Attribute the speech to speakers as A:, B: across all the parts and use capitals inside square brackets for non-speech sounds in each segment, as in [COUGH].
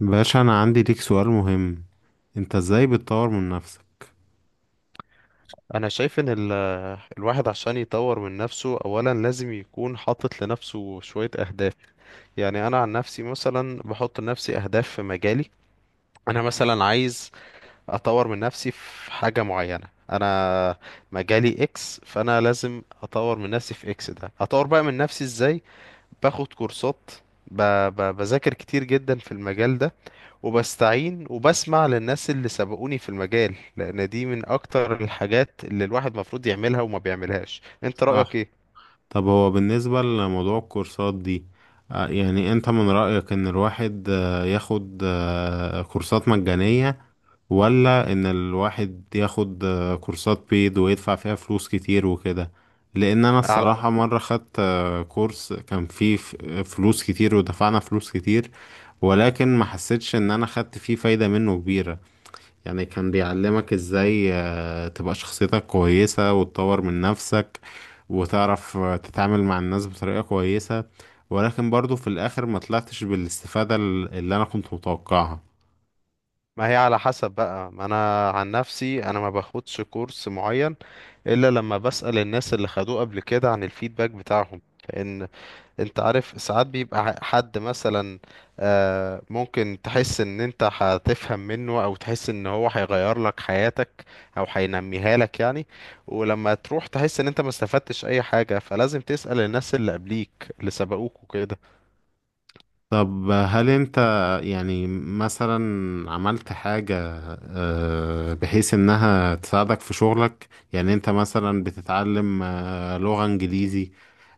A: باشا انا عندي ليك سؤال مهم. انت ازاي بتطور من نفسك؟
B: انا شايف ان الواحد عشان يطور من نفسه اولا لازم يكون حاطط لنفسه شوية اهداف. يعني انا عن نفسي مثلا بحط لنفسي اهداف في مجالي. انا مثلا عايز اطور من نفسي في حاجة معينة. انا مجالي اكس، فانا لازم اطور من نفسي في اكس ده. اطور بقى من نفسي ازاي؟ باخد كورسات، ب... بذاكر كتير جدا في المجال ده، وبستعين وبسمع للناس اللي سبقوني في المجال، لان دي من اكتر الحاجات اللي الواحد مفروض يعملها وما بيعملهاش. انت رأيك
A: صح.
B: ايه؟
A: طب هو بالنسبة لموضوع الكورسات دي، يعني انت من رأيك ان الواحد ياخد كورسات مجانية، ولا ان الواحد ياخد كورسات بيد ويدفع فيها فلوس كتير وكده؟ لان انا
B: على،
A: الصراحة مرة خدت كورس كان فيه فلوس كتير، ودفعنا فلوس كتير، ولكن ما حسيتش ان انا خدت فيه فايدة منه كبيرة. يعني كان بيعلمك ازاي تبقى شخصيتك كويسة وتطور من نفسك، وتعرف تتعامل مع الناس بطريقة كويسة، ولكن برضو في الآخر ما طلعتش بالاستفادة اللي أنا كنت متوقعها.
B: ما هي على حسب بقى. ما انا عن نفسي انا ما باخدش كورس معين الا لما بسأل الناس اللي خدوه قبل كده عن الفيدباك بتاعهم. لان انت عارف ساعات بيبقى حد مثلا ممكن تحس ان انت هتفهم منه، او تحس ان هو هيغير لك حياتك او هينميها لك يعني. ولما تروح تحس ان انت ما استفدتش اي حاجة، فلازم تسأل الناس اللي قبليك اللي سبقوك وكده.
A: طب هل أنت، يعني مثلا، عملت حاجة بحيث إنها تساعدك في شغلك؟ يعني أنت مثلا بتتعلم لغة إنجليزي،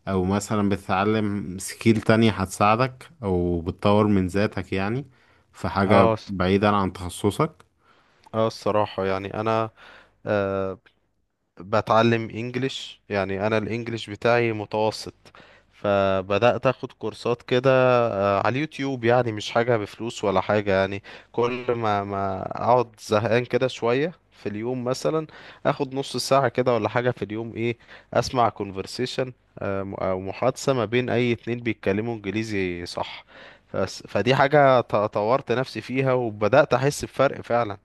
A: او مثلا بتتعلم سكيل تانية هتساعدك او بتطور من ذاتك، يعني في حاجة
B: اه الص-
A: بعيدا عن تخصصك.
B: اه الصراحة يعني انا آه، بتعلم انجليش. يعني انا الانجليش بتاعي متوسط، فبدأت اخد كورسات كده على اليوتيوب، يعني مش حاجة بفلوس ولا حاجة يعني. كل ما اقعد زهقان كده شوية في اليوم مثلا، اخد نص ساعة كده ولا حاجة في اليوم. ايه، اسمع conversation، او محادثة ما بين اي اتنين بيتكلموا انجليزي، صح؟ فدي حاجة طورت نفسي فيها وبدأت احس بفرق فعلا.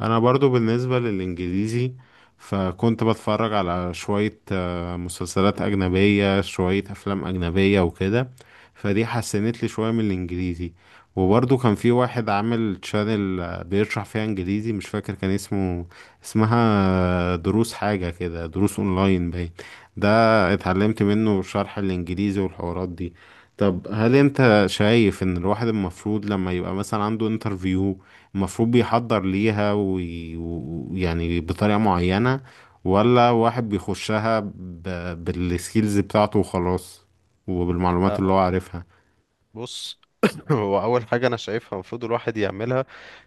A: انا برضو بالنسبة للانجليزي، فكنت بتفرج على شوية مسلسلات اجنبية، شوية افلام اجنبية وكده، فدي حسنت لي شوية من الانجليزي. وبرضو كان في واحد عامل تشانل بيشرح فيها انجليزي، مش فاكر كان اسمه، اسمها دروس حاجة كده، دروس اونلاين باين، ده اتعلمت منه شرح الانجليزي والحوارات دي. طب هل انت شايف ان الواحد المفروض لما يبقى مثلا عنده انترفيو، المفروض بيحضر ليها ويعني بطريقة معينة، ولا واحد بيخشها بالسكيلز بتاعته وخلاص، وبالمعلومات
B: آه،
A: اللي هو عارفها؟
B: بص، [COUGHS] [LAUGHS] هو اول حاجه انا شايفها المفروض الواحد يعملها،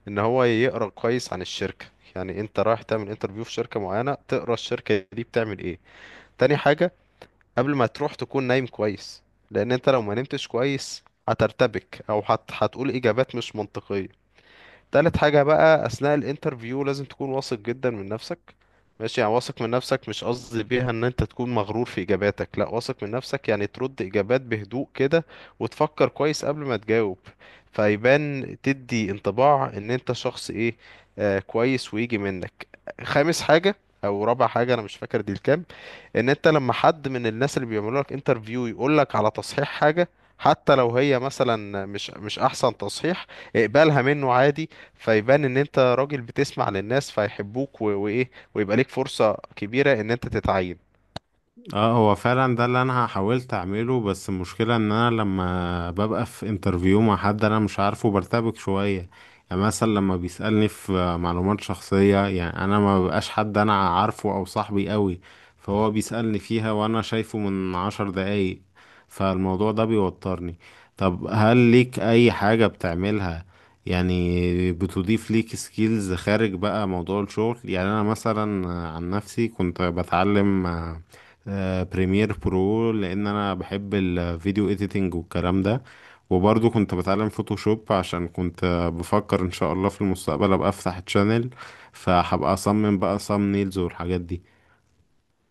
B: ان هو يقرا كويس عن الشركه. يعني انت رايح تعمل انترفيو في شركه معينه، تقرا الشركه دي بتعمل ايه. تاني حاجه، قبل ما تروح تكون نايم كويس، لان انت لو ما نمتش كويس هترتبك او هتقول اجابات مش منطقيه. تالت حاجة بقى، أثناء الانترفيو لازم تكون واثق جدا من نفسك. ماشي، يعني واثق من نفسك، مش قصدي بيها ان انت تكون مغرور في اجاباتك، لا، واثق من نفسك يعني ترد اجابات بهدوء كده، وتفكر كويس قبل ما تجاوب، فيبان تدي انطباع ان انت شخص ايه، آه، كويس ويجي منك. خامس حاجة او رابع حاجة، انا مش فاكر دي الكام، ان انت لما حد من الناس اللي بيعملوا لك انترفيو يقول لك على تصحيح حاجة، حتى لو هي مثلا مش احسن تصحيح، اقبلها منه عادي. فيبان ان انت راجل بتسمع للناس، فيحبوك وايه، ويبقى ليك فرصة كبيرة ان انت تتعين.
A: اه، هو فعلا ده اللي انا حاولت اعمله، بس المشكلة ان انا لما ببقى في انترفيو مع حد انا مش عارفه برتبك شوية. يعني مثلا لما بيسألني في معلومات شخصية، يعني انا ما ببقاش حد انا عارفه او صاحبي قوي، فهو بيسألني فيها وانا شايفه من عشر دقايق، فالموضوع ده بيوترني. طب هل ليك اي حاجة بتعملها، يعني بتضيف ليك سكيلز خارج بقى موضوع الشغل؟ يعني انا مثلا عن نفسي كنت بتعلم بريمير برو، لان انا بحب الفيديو اديتنج والكلام ده، وبرضه كنت بتعلم فوتوشوب عشان كنت بفكر ان شاء الله في المستقبل ابقى افتح تشانل، فهبقى اصمم بقى صامنيلز والحاجات دي.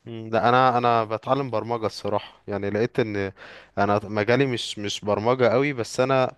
B: مم، لا، انا بتعلم برمجه الصراحه. يعني لقيت ان انا مجالي مش برمجه قوي، بس انا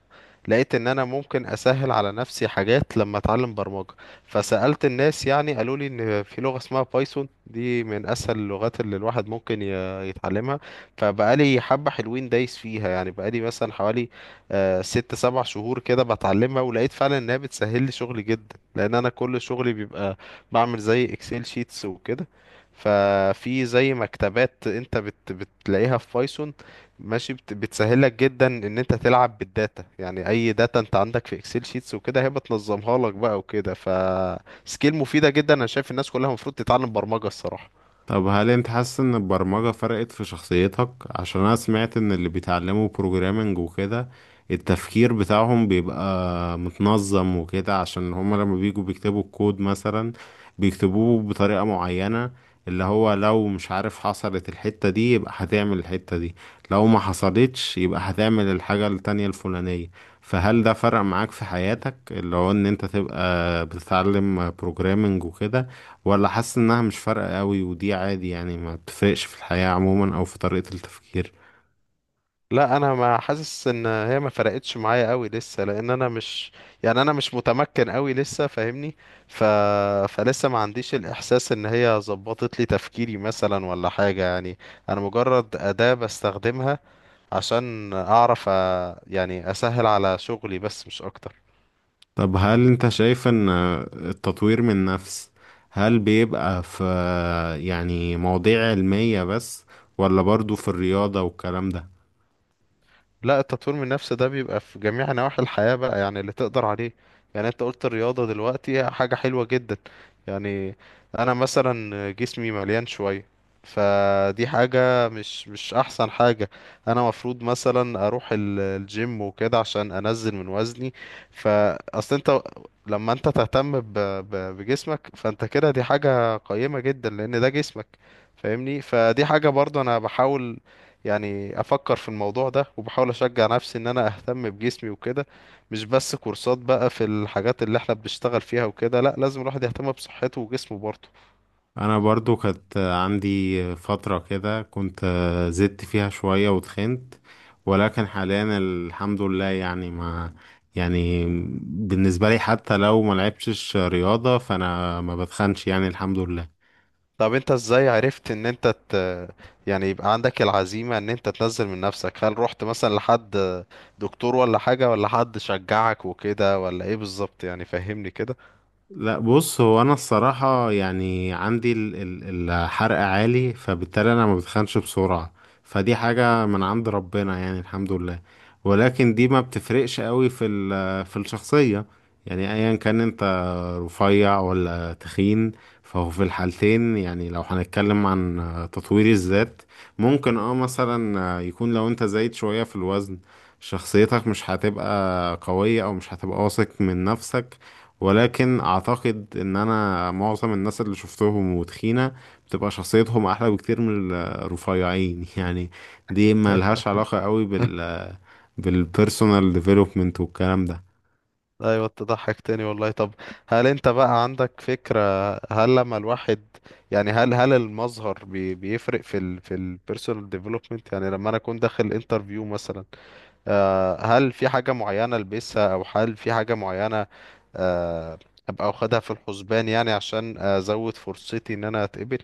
B: لقيت ان انا ممكن اسهل على نفسي حاجات لما اتعلم برمجه. فسالت الناس، يعني قالوا لي ان في لغه اسمها بايثون، دي من اسهل اللغات اللي الواحد ممكن يتعلمها. فبقالي حبه حلوين دايس فيها، يعني بقالي مثلا حوالي 6 7 شهور كده بتعلمها، ولقيت فعلا انها بتسهل لي شغلي جدا، لان انا كل شغلي بيبقى بعمل زي اكسل شيتس وكده. ففي زي مكتبات انت بتلاقيها في بايثون، ماشي، بتسهلك جدا ان انت تلعب بالداتا. يعني اي داتا انت عندك في اكسل شيتس وكده، هي بتنظمها لك بقى وكده. فسكيل مفيدة جدا، انا شايف الناس كلها المفروض تتعلم برمجة الصراحة.
A: طب هل انت حاسس ان البرمجة فرقت في شخصيتك؟ عشان انا سمعت ان اللي بيتعلموا بروجرامنج وكده التفكير بتاعهم بيبقى متنظم وكده، عشان هما لما بيجوا بيكتبوا الكود مثلا بيكتبوه بطريقة معينة، اللي هو لو مش عارف حصلت الحتة دي يبقى هتعمل الحتة دي، لو ما حصلتش يبقى هتعمل الحاجة التانية الفلانية. فهل ده فرق معاك في حياتك، اللي هو ان انت تبقى بتتعلم بروجرامنج وكده، ولا حاسس انها مش فارقة قوي ودي عادي، يعني ما بتفرقش في الحياة عموما او في طريقة التفكير؟
B: لا، انا ما حاسس ان هي ما فرقتش معايا قوي لسه، لان انا مش، يعني انا مش متمكن قوي لسه، فاهمني؟ ف... فلسه ما عنديش الاحساس ان هي ظبطت لي تفكيري مثلا ولا حاجة يعني. انا مجرد أداة بستخدمها عشان اعرف يعني اسهل على شغلي بس، مش اكتر.
A: طب هل انت شايف ان التطوير من نفس، هل بيبقى في، يعني مواضيع علمية بس، ولا برضو في الرياضة والكلام ده؟
B: لا، التطوير من النفس ده بيبقى في جميع نواحي الحياة بقى، يعني اللي تقدر عليه. يعني انت قلت الرياضة دلوقتي، هي حاجة حلوة جدا. يعني انا مثلا جسمي مليان شوية، فدي حاجة مش احسن حاجة. انا مفروض مثلا اروح الجيم وكده عشان انزل من وزني. فاصل، انت لما انت تهتم بجسمك، فانت كده دي حاجة قيمة جدا، لان ده جسمك، فاهمني؟ فدي حاجة برضو انا بحاول يعني افكر في الموضوع ده، وبحاول اشجع نفسي ان انا اهتم بجسمي وكده. مش بس كورسات بقى في الحاجات اللي احنا بنشتغل فيها وكده، لا، لازم الواحد يهتم بصحته وجسمه برضه.
A: انا برضو كانت عندي فترة كده كنت زدت فيها شوية وتخنت، ولكن حاليا الحمد لله، يعني ما، يعني بالنسبة لي حتى لو ما لعبتش رياضة فانا ما بتخنش، يعني الحمد لله.
B: طب انت ازاي عرفت ان انت يعني يبقى عندك العزيمة ان انت تنزل من نفسك؟ هل رحت مثلا لحد دكتور ولا حاجة، ولا حد شجعك وكده، ولا ايه بالظبط؟ يعني فهمني كده.
A: لا، بص، هو انا الصراحة يعني عندي الحرق عالي، فبالتالي انا ما بتخنش بسرعة، فدي حاجة من عند ربنا يعني، الحمد لله. ولكن دي ما بتفرقش قوي في في الشخصية. يعني ايا كان انت رفيع ولا تخين، فهو في الحالتين، يعني لو هنتكلم عن تطوير الذات، ممكن اه مثلا يكون لو انت زايد شوية في الوزن شخصيتك مش هتبقى قوية او مش هتبقى واثق من نفسك. ولكن اعتقد ان انا معظم الناس اللي شفتهم وتخينة بتبقى شخصيتهم احلى بكتير من الرفيعين [LAUGHS] يعني، دي ملهاش
B: [LAUGHS]
A: علاقة قوي بال، بالبيرسونال ديفلوبمنت والكلام ده.
B: ايوه، تضحك تاني والله. طب هل انت بقى عندك فكرة، هل لما الواحد يعني، هل المظهر بيفرق في البيرسونال ديفلوبمنت؟ يعني لما انا اكون داخل انترفيو مثلا، هل في حاجة معينة البسها، او هل في حاجة معينة آه، ابقى واخدها في الحسبان، يعني عشان ازود فرصتي ان انا اتقبل؟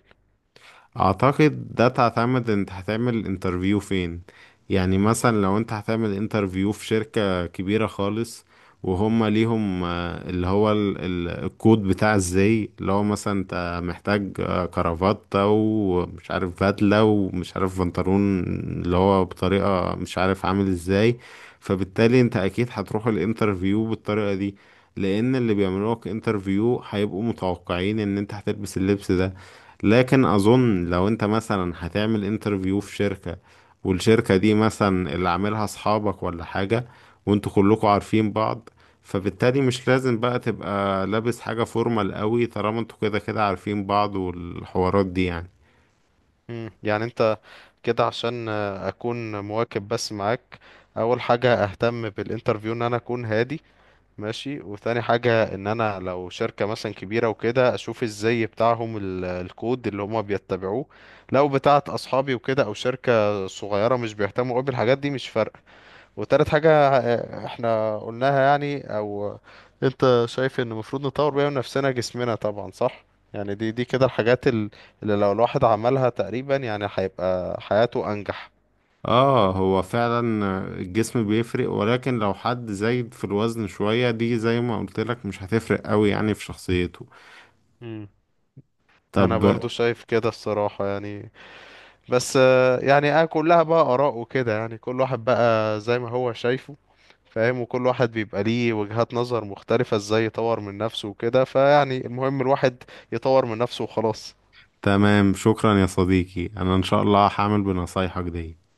A: اعتقد ده تعتمد انت هتعمل انترفيو فين. يعني مثلا لو انت هتعمل انترفيو في شركة كبيرة خالص، وهم ليهم اللي هو الكود بتاع ازاي، اللي هو مثلا انت محتاج كرافتة ومش عارف بدلة ومش عارف بنطلون اللي هو بطريقة مش عارف عامل ازاي، فبالتالي انت اكيد هتروح الانترفيو بالطريقة دي، لان اللي بيعملوك انترفيو هيبقوا متوقعين ان انت هتلبس اللبس ده. لكن اظن لو انت مثلا هتعمل انترفيو في شركة، والشركة دي مثلا اللي عاملها اصحابك ولا حاجة، وانتوا كلكوا عارفين بعض، فبالتالي مش لازم بقى تبقى لابس حاجة فورمال قوي، طالما انتوا كده كده عارفين بعض والحوارات دي يعني.
B: مم. يعني انت كده، عشان اكون مواكب بس معاك: اول حاجة اهتم بالانترفيو ان انا اكون هادي، ماشي، وتاني حاجة، ان انا لو شركة مثلا كبيرة وكده، اشوف الزي بتاعهم الكود اللي هما بيتبعوه. لو بتاعت اصحابي وكده، او شركة صغيرة مش بيهتموا قوي بالحاجات دي، مش فارقة. وتالت حاجة احنا قلناها يعني، او انت شايف ان المفروض نطور بيها من نفسنا جسمنا طبعا، صح؟ يعني دي كده الحاجات اللي لو الواحد عملها تقريبا يعني هيبقى حياته انجح.
A: اه، هو فعلا الجسم بيفرق، ولكن لو حد زايد في الوزن شوية دي زي ما قلت لك مش هتفرق قوي يعني في شخصيته.
B: مم. انا
A: طب تمام.
B: برضو شايف كده الصراحة يعني. بس يعني انا كلها بقى اراء وكده، يعني كل واحد بقى زي ما هو شايفه، فاهم، وكل واحد بيبقى ليه وجهات نظر مختلفة ازاي يطور من نفسه وكده. فيعني المهم الواحد يطور من نفسه وخلاص.
A: تمام شكرا يا صديقي، انا ان شاء الله هعمل بنصايحك دي.